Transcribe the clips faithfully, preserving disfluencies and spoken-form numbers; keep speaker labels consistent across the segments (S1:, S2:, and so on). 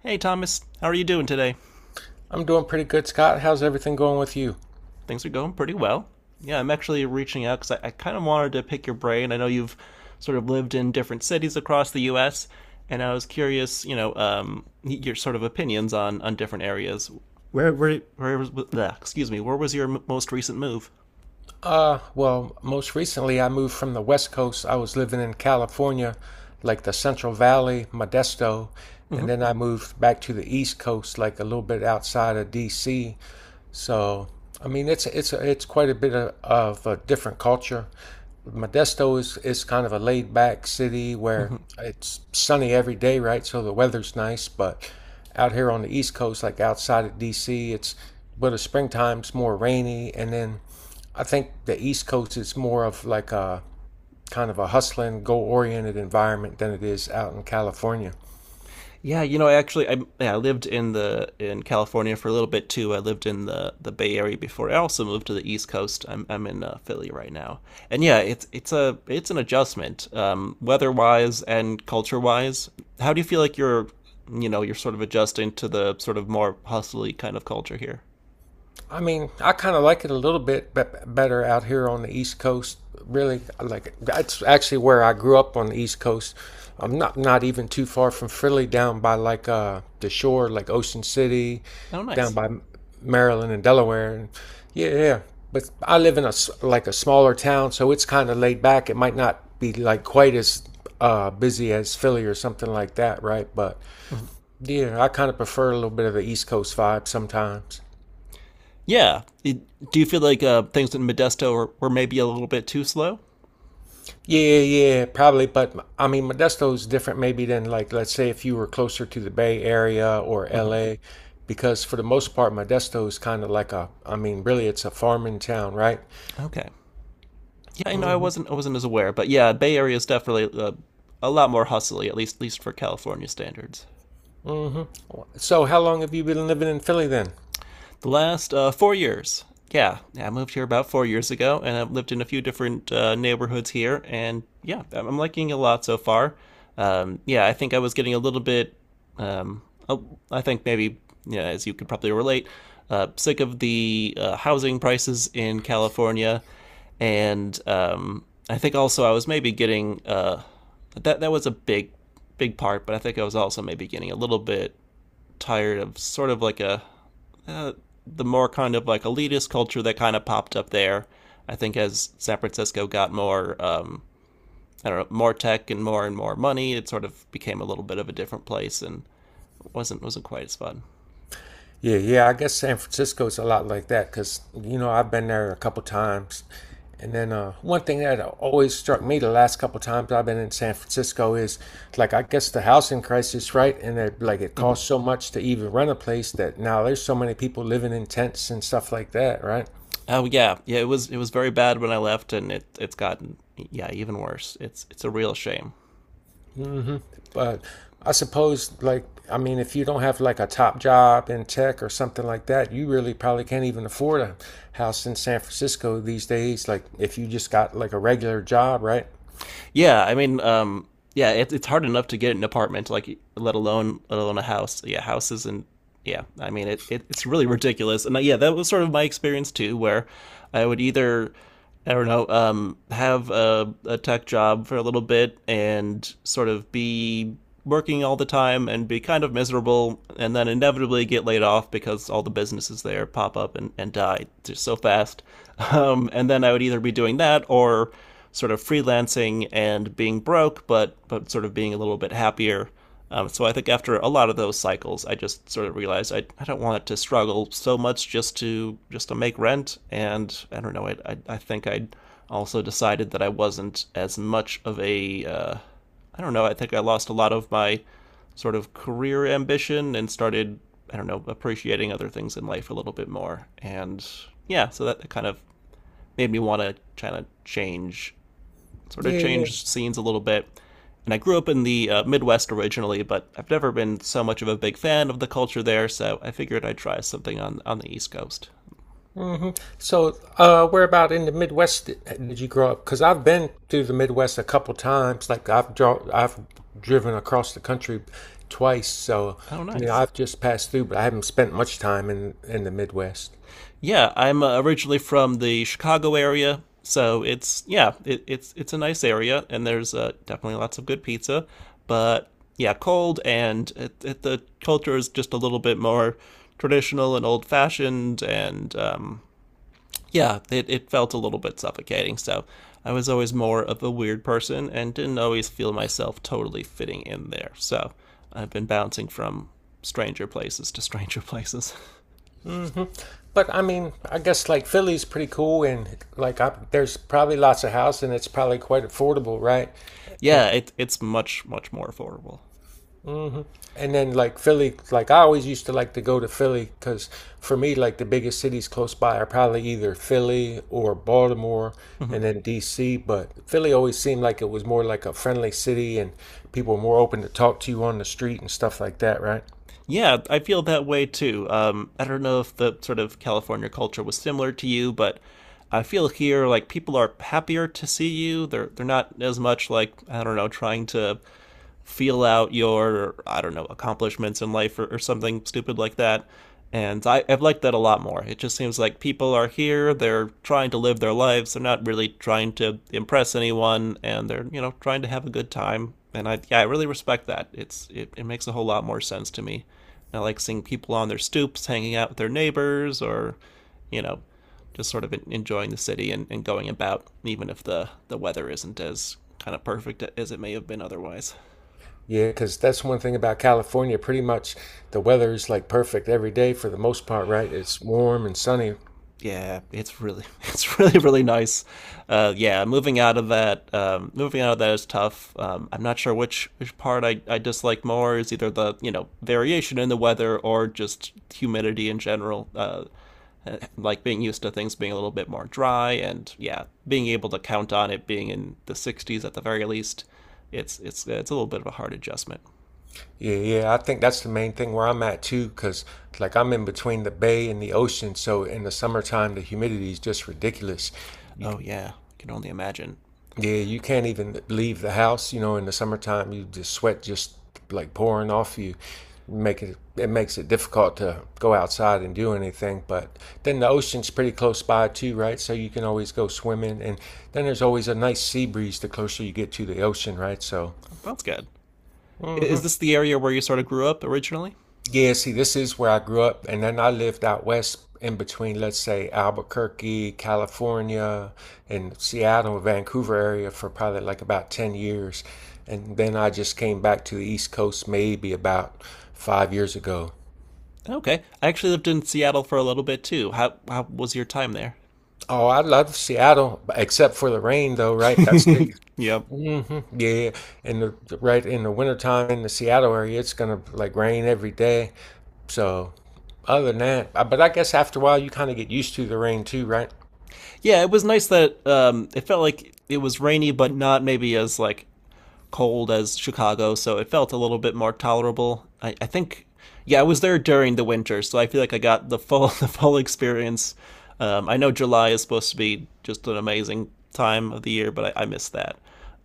S1: Hey, Thomas, how are you doing today?
S2: I'm doing pretty good, Scott. How's everything going with you?
S1: Things are going pretty well. Yeah, I'm actually reaching out because I, I kind of wanted to pick your brain. I know you've sort of lived in different cities across the U S, and I was curious, you know, um, your sort of opinions on on different areas. Where, where, where was? Bleh, excuse me. Where was your m- most recent move?
S2: Uh, well, most recently I moved from the West Coast. I was living in California, like the Central Valley, Modesto, and
S1: Hmm
S2: then I moved back to the East Coast, like a little bit outside of D C. So, I mean, it's it's it's quite a bit of, of a different culture. Modesto is is kind of a laid back city where
S1: hmm
S2: it's sunny every day, right? So the weather's nice, but out here on the East Coast, like outside of D C, it's but the springtime's more rainy, and then I think the East Coast is more of like a kind of a hustling, goal oriented environment than it is out in California.
S1: Yeah, you know, I actually I, yeah, I lived in the in California for a little bit too. I lived in the the Bay Area before. I also moved to the East Coast. I'm I'm in uh, Philly right now, and yeah, it's it's a it's an adjustment, um, weather wise and culture wise. How do you feel like you're you know you're sort of adjusting to the sort of more hustly kind of culture here?
S2: I mean, I kind of like it a little bit be- better out here on the East Coast. Really, I like it. That's actually where I grew up, on the East Coast.
S1: Okay,
S2: I'm not not even too far from Philly, down by like uh the shore, like Ocean City,
S1: oh
S2: down
S1: nice.
S2: by Maryland and Delaware. And yeah, yeah. But I live in a s- like a smaller town, so it's kind of laid back. It might not be like quite as uh busy as Philly or something like that, right? But
S1: Mhm.
S2: yeah, I kind of prefer a little bit of the East Coast vibe sometimes.
S1: Yeah, It- do you feel like uh, things in Modesto were, were maybe a little bit too slow?
S2: Yeah, yeah, yeah, probably. But I mean, Modesto's different maybe than, like, let's say if you were closer to the Bay Area or
S1: Hmm
S2: L A, because for the most part, Modesto is kind of like a, I mean, really, it's a farming town, right?
S1: Okay. Yeah, I know I
S2: Mm-hmm.
S1: wasn't I wasn't as aware, but yeah, Bay Area is definitely uh, a lot more hustly, at least at least for California standards.
S2: Mm-hmm. So how long have you been living in Philly then?
S1: The last uh, four years. Yeah, yeah, I moved here about four years ago, and I've lived in a few different uh, neighborhoods here, and yeah, I'm liking it a lot so far. Um, yeah, I think I was getting a little bit, um, oh, I think maybe, yeah, as you could probably relate, uh, sick of the uh, housing prices in California, and um, I think also I was maybe getting uh, that that was a big, big part, but I think I was also maybe getting a little bit tired of sort of like a uh, the more kind of like elitist culture that kind of popped up there. I think as San Francisco got more, um, I don't know, more tech and more and more money, it sort of became a little bit of a different place and wasn't wasn't quite as fun.
S2: Yeah, yeah. I guess San Francisco's a lot like that because you know I've been there a couple times, and then uh, one thing that always struck me the last couple times I've been in San Francisco is like I guess the housing crisis, right? And it, like it
S1: Hmm
S2: costs so much to even rent a place that now there's so many people living in tents and stuff like that, right?
S1: Oh yeah, yeah. It was it was very bad when I left, and it it's gotten yeah even worse. It's it's a real shame.
S2: Hmm. But I suppose, like, I mean, if you don't have like a top job in tech or something like that, you really probably can't even afford a house in San Francisco these days. Like, if you just got like a regular job, right?
S1: Yeah, I mean, um, yeah, it, it's hard enough to get an apartment, like let alone let alone a house. Yeah, houses and yeah, I mean, it, it it's really ridiculous. And uh, yeah, that was sort of my experience too, where I would either I don't know, um, have a, a tech job for a little bit and sort of be working all the time and be kind of miserable and then inevitably get laid off because all the businesses there pop up and, and die just so fast. Um, and then I would either be doing that or sort of freelancing and being broke, but but sort of being a little bit happier. Um, so I think after a lot of those cycles, I just sort of realized I, I don't want to struggle so much just to just to make rent. And I don't know. I I, I think I also decided that I wasn't as much of a uh, I don't know. I think I lost a lot of my sort of career ambition and started I don't know appreciating other things in life a little bit more. And yeah, so that kind of made me want to kind of change sort
S2: Yeah,
S1: of
S2: yeah.
S1: changed scenes a little bit. And I grew up in the uh, Midwest originally, but I've never been so much of a big fan of the culture there, so I figured I'd try something on, on the East Coast.
S2: Hmm. So, uh, where about in the Midwest did, did you grow up? Because I've been to the Midwest a couple times. Like, I've draw, I've driven across the country twice. So,
S1: Oh,
S2: you know,
S1: nice.
S2: I've just passed through, but I haven't spent much time in in the Midwest.
S1: Yeah, I'm uh, originally from the Chicago area, so it's yeah, it, it's it's a nice area, and there's uh, definitely lots of good pizza, but yeah, cold and it, it, the culture is just a little bit more traditional and old fashioned, and um, yeah, it, it felt a little bit suffocating. So I was always more of a weird person and didn't always feel myself totally fitting in there. So I've been bouncing from stranger places to stranger places.
S2: But I mean, I guess like Philly's pretty cool, and like I, there's probably lots of house, and it's probably quite affordable, right? And
S1: Yeah, it, it's much, much more affordable.
S2: and then like Philly, like I always used to like to go to Philly because for me, like the biggest cities close by are probably either Philly or Baltimore,
S1: Hmm
S2: and then D C. But Philly always seemed like it was more like a friendly city, and people were more open to talk to you on the street and stuff like that, right?
S1: Yeah, I feel that way too. Um, I don't know if the sort of California culture was similar to you, but I feel here like people are happier to see you. They're they're not as much like I don't know trying to feel out your I don't know accomplishments in life or, or something stupid like that. And I, I've liked that a lot more. It just seems like people are here. They're trying to live their lives. They're not really trying to impress anyone, and they're you know trying to have a good time and I yeah I really respect that. It's it, it makes a whole lot more sense to me. And I like seeing people on their stoops hanging out with their neighbors, or you know, just sort of enjoying the city and, and going about, even if the the weather isn't as kind of perfect as it may have been otherwise.
S2: Yeah, because that's one thing about California. Pretty much the weather is like perfect every day for the most part, right? It's warm and sunny.
S1: Yeah, it's really it's really really nice. Uh, yeah, moving out of that um, moving out of that is tough. Um, I'm not sure which which part I, I dislike more is either the you know variation in the weather or just humidity in general. Uh, like being used to things being a little bit more dry and yeah, being able to count on it being in the sixties at the very least. It's it's it's a little bit of a hard adjustment.
S2: Yeah, yeah. I think that's the main thing where I'm at too, because like I'm in between the bay and the ocean. So in the summertime, the humidity is just ridiculous. You…
S1: Oh yeah, I can only imagine.
S2: Yeah, you can't even leave the house. You know, in the summertime, you just sweat just like pouring off you. Make it it makes it difficult to go outside and do anything. But then the ocean's pretty close by too, right? So you can always go swimming, and then there's always a nice sea breeze the closer you get to the ocean, right? So…
S1: That's good. Is
S2: Hmm.
S1: this the area where you sort of grew up originally?
S2: Yeah, see, this is where I grew up, and then I lived out west in between, let's say, Albuquerque, California, and Seattle, Vancouver area for probably like about ten years. And then I just came back to the East Coast maybe about five years ago.
S1: Okay. I actually lived in Seattle for a little bit too. How how was your time there?
S2: Oh, I love Seattle, except for the rain, though, right? That's the…
S1: Yep.
S2: Hmm. Yeah, and the, the- right in the wintertime in the Seattle area, it's gonna like rain every day. So, other than that, I- but I guess after a while you kind of get used to the rain too, right?
S1: Yeah, it was nice that um, it felt like it was rainy, but not maybe as like cold as Chicago, so it felt a little bit more tolerable. I, I think, yeah, I was there during the winter, so I feel like I got the full the full experience. Um, I know July is supposed to be just an amazing time of the year, but I, I missed that.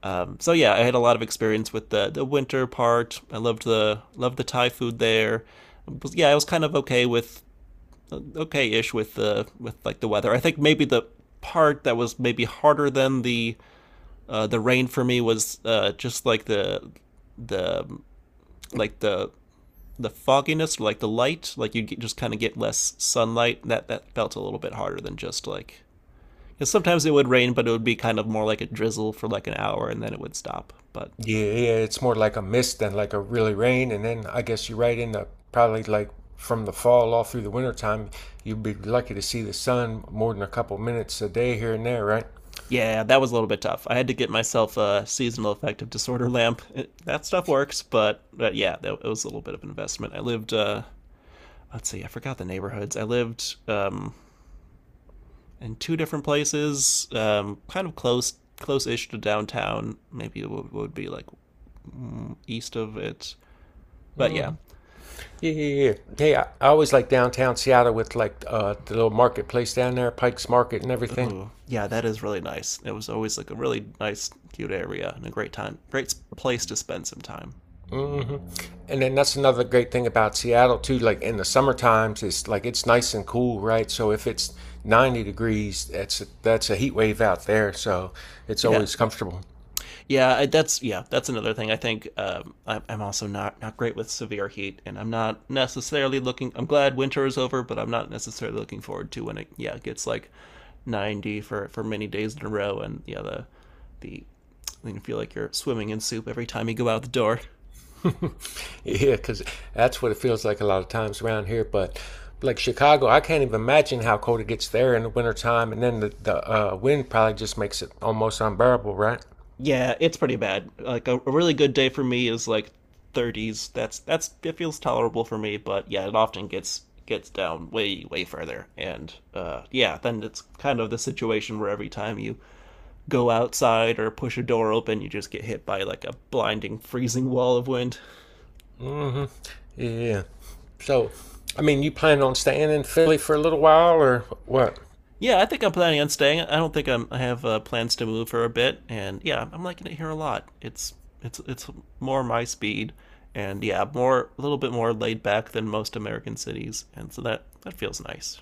S1: Um, so yeah, I had a lot of experience with the the winter part. I loved the loved the Thai food there. Yeah, I was kind of okay with okay-ish with the with like the weather. I think maybe the part that was maybe harder than the uh, the rain for me was uh, just like the the like the the fogginess, like the light, like you just kind of get less sunlight. That that felt a little bit harder than just like because sometimes it would rain, but it would be kind of more like a drizzle for like an hour and then it would stop. But
S2: Yeah, yeah, it's more like a mist than like a really rain. And then I guess you're right in the probably like from the fall all through the wintertime, you'd be lucky to see the sun more than a couple minutes a day here and there, right?
S1: yeah, that was a little bit tough. I had to get myself a seasonal affective disorder lamp. It, that stuff works, but, but yeah, that, it was a little bit of an investment. I lived uh, let's see, I forgot the neighborhoods. I lived um, in two different places, um, kind of close, close-ish to downtown. Maybe it would, would be like east of it, but
S2: Hmm.
S1: yeah.
S2: Yeah, yeah, yeah. Hey, I, I always like downtown Seattle with like uh, the little marketplace down there, Pike's Market and everything.
S1: Oh, yeah, that is really nice. It was always like a really nice, cute area and a great time, great place to spend some time.
S2: Mm hmm And then that's another great thing about Seattle too. Like in the summer times, it's like it's nice and cool, right? So if it's ninety degrees, that's a, that's a heat wave out there. So it's
S1: Yeah,
S2: always comfortable.
S1: yeah, I- that's yeah, that's another thing. I think um, I, I'm also not not great with severe heat, and I'm not necessarily looking. I'm glad winter is over, but I'm not necessarily looking forward to when it yeah it gets like ninety for for many days in a row, and yeah the the you feel like you're swimming in soup every time you go out the door.
S2: Yeah, because that's what it feels like a lot of times around here. But like Chicago, I can't even imagine how cold it gets there in the wintertime. And then the, the uh, wind probably just makes it almost unbearable, right?
S1: Yeah, it's pretty bad. Like a, a really good day for me is like thirties. That's that's it feels tolerable for me, but yeah, it often gets gets down way way further. And uh yeah, then it's kind of the situation where every time you go outside or push a door open, you just get hit by like a blinding freezing wall of wind.
S2: mm hmm Yeah. So, I mean, you plan on staying in Philly for a little while or what?
S1: Yeah, I think I'm planning on staying. I don't think I'm, I have uh, plans to move for a bit, and yeah, I'm liking it here a lot. It's it's it's more my speed, and yeah, more a little bit more laid back than most American cities, and so that that feels nice.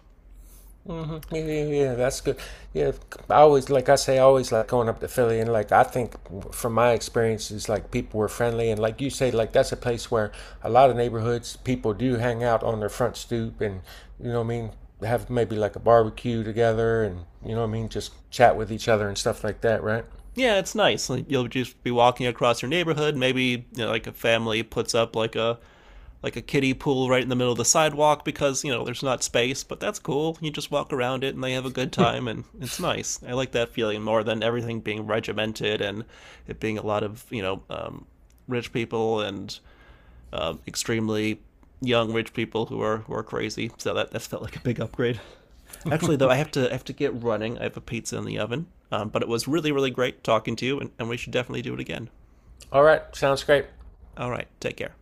S2: Hmm. Yeah, yeah, yeah, that's good. Yeah, I always like I say, I always like going up to Philly, and like I think from my experiences, like people were friendly, and like you say, like that's a place where a lot of neighborhoods people do hang out on their front stoop, and you know what I mean, have maybe like a barbecue together, and you know what I mean, just chat with each other and stuff like that, right?
S1: Yeah, it's nice. Like you'll just be walking across your neighborhood. Maybe you know, like a family puts up like a like a kiddie pool right in the middle of the sidewalk because, you know, there's not space, but that's cool. You just walk around it and they have a good time and it's nice. I like that feeling more than everything being regimented and it being a lot of, you know, um, rich people and um, extremely young rich people who are who are crazy. So that, that felt like a big upgrade. Actually, though, I have to I have to get running. I have a pizza in the oven. Um, but it was really, really great talking to you, and, and we should definitely do it again.
S2: All right, sounds great.
S1: All right, take care.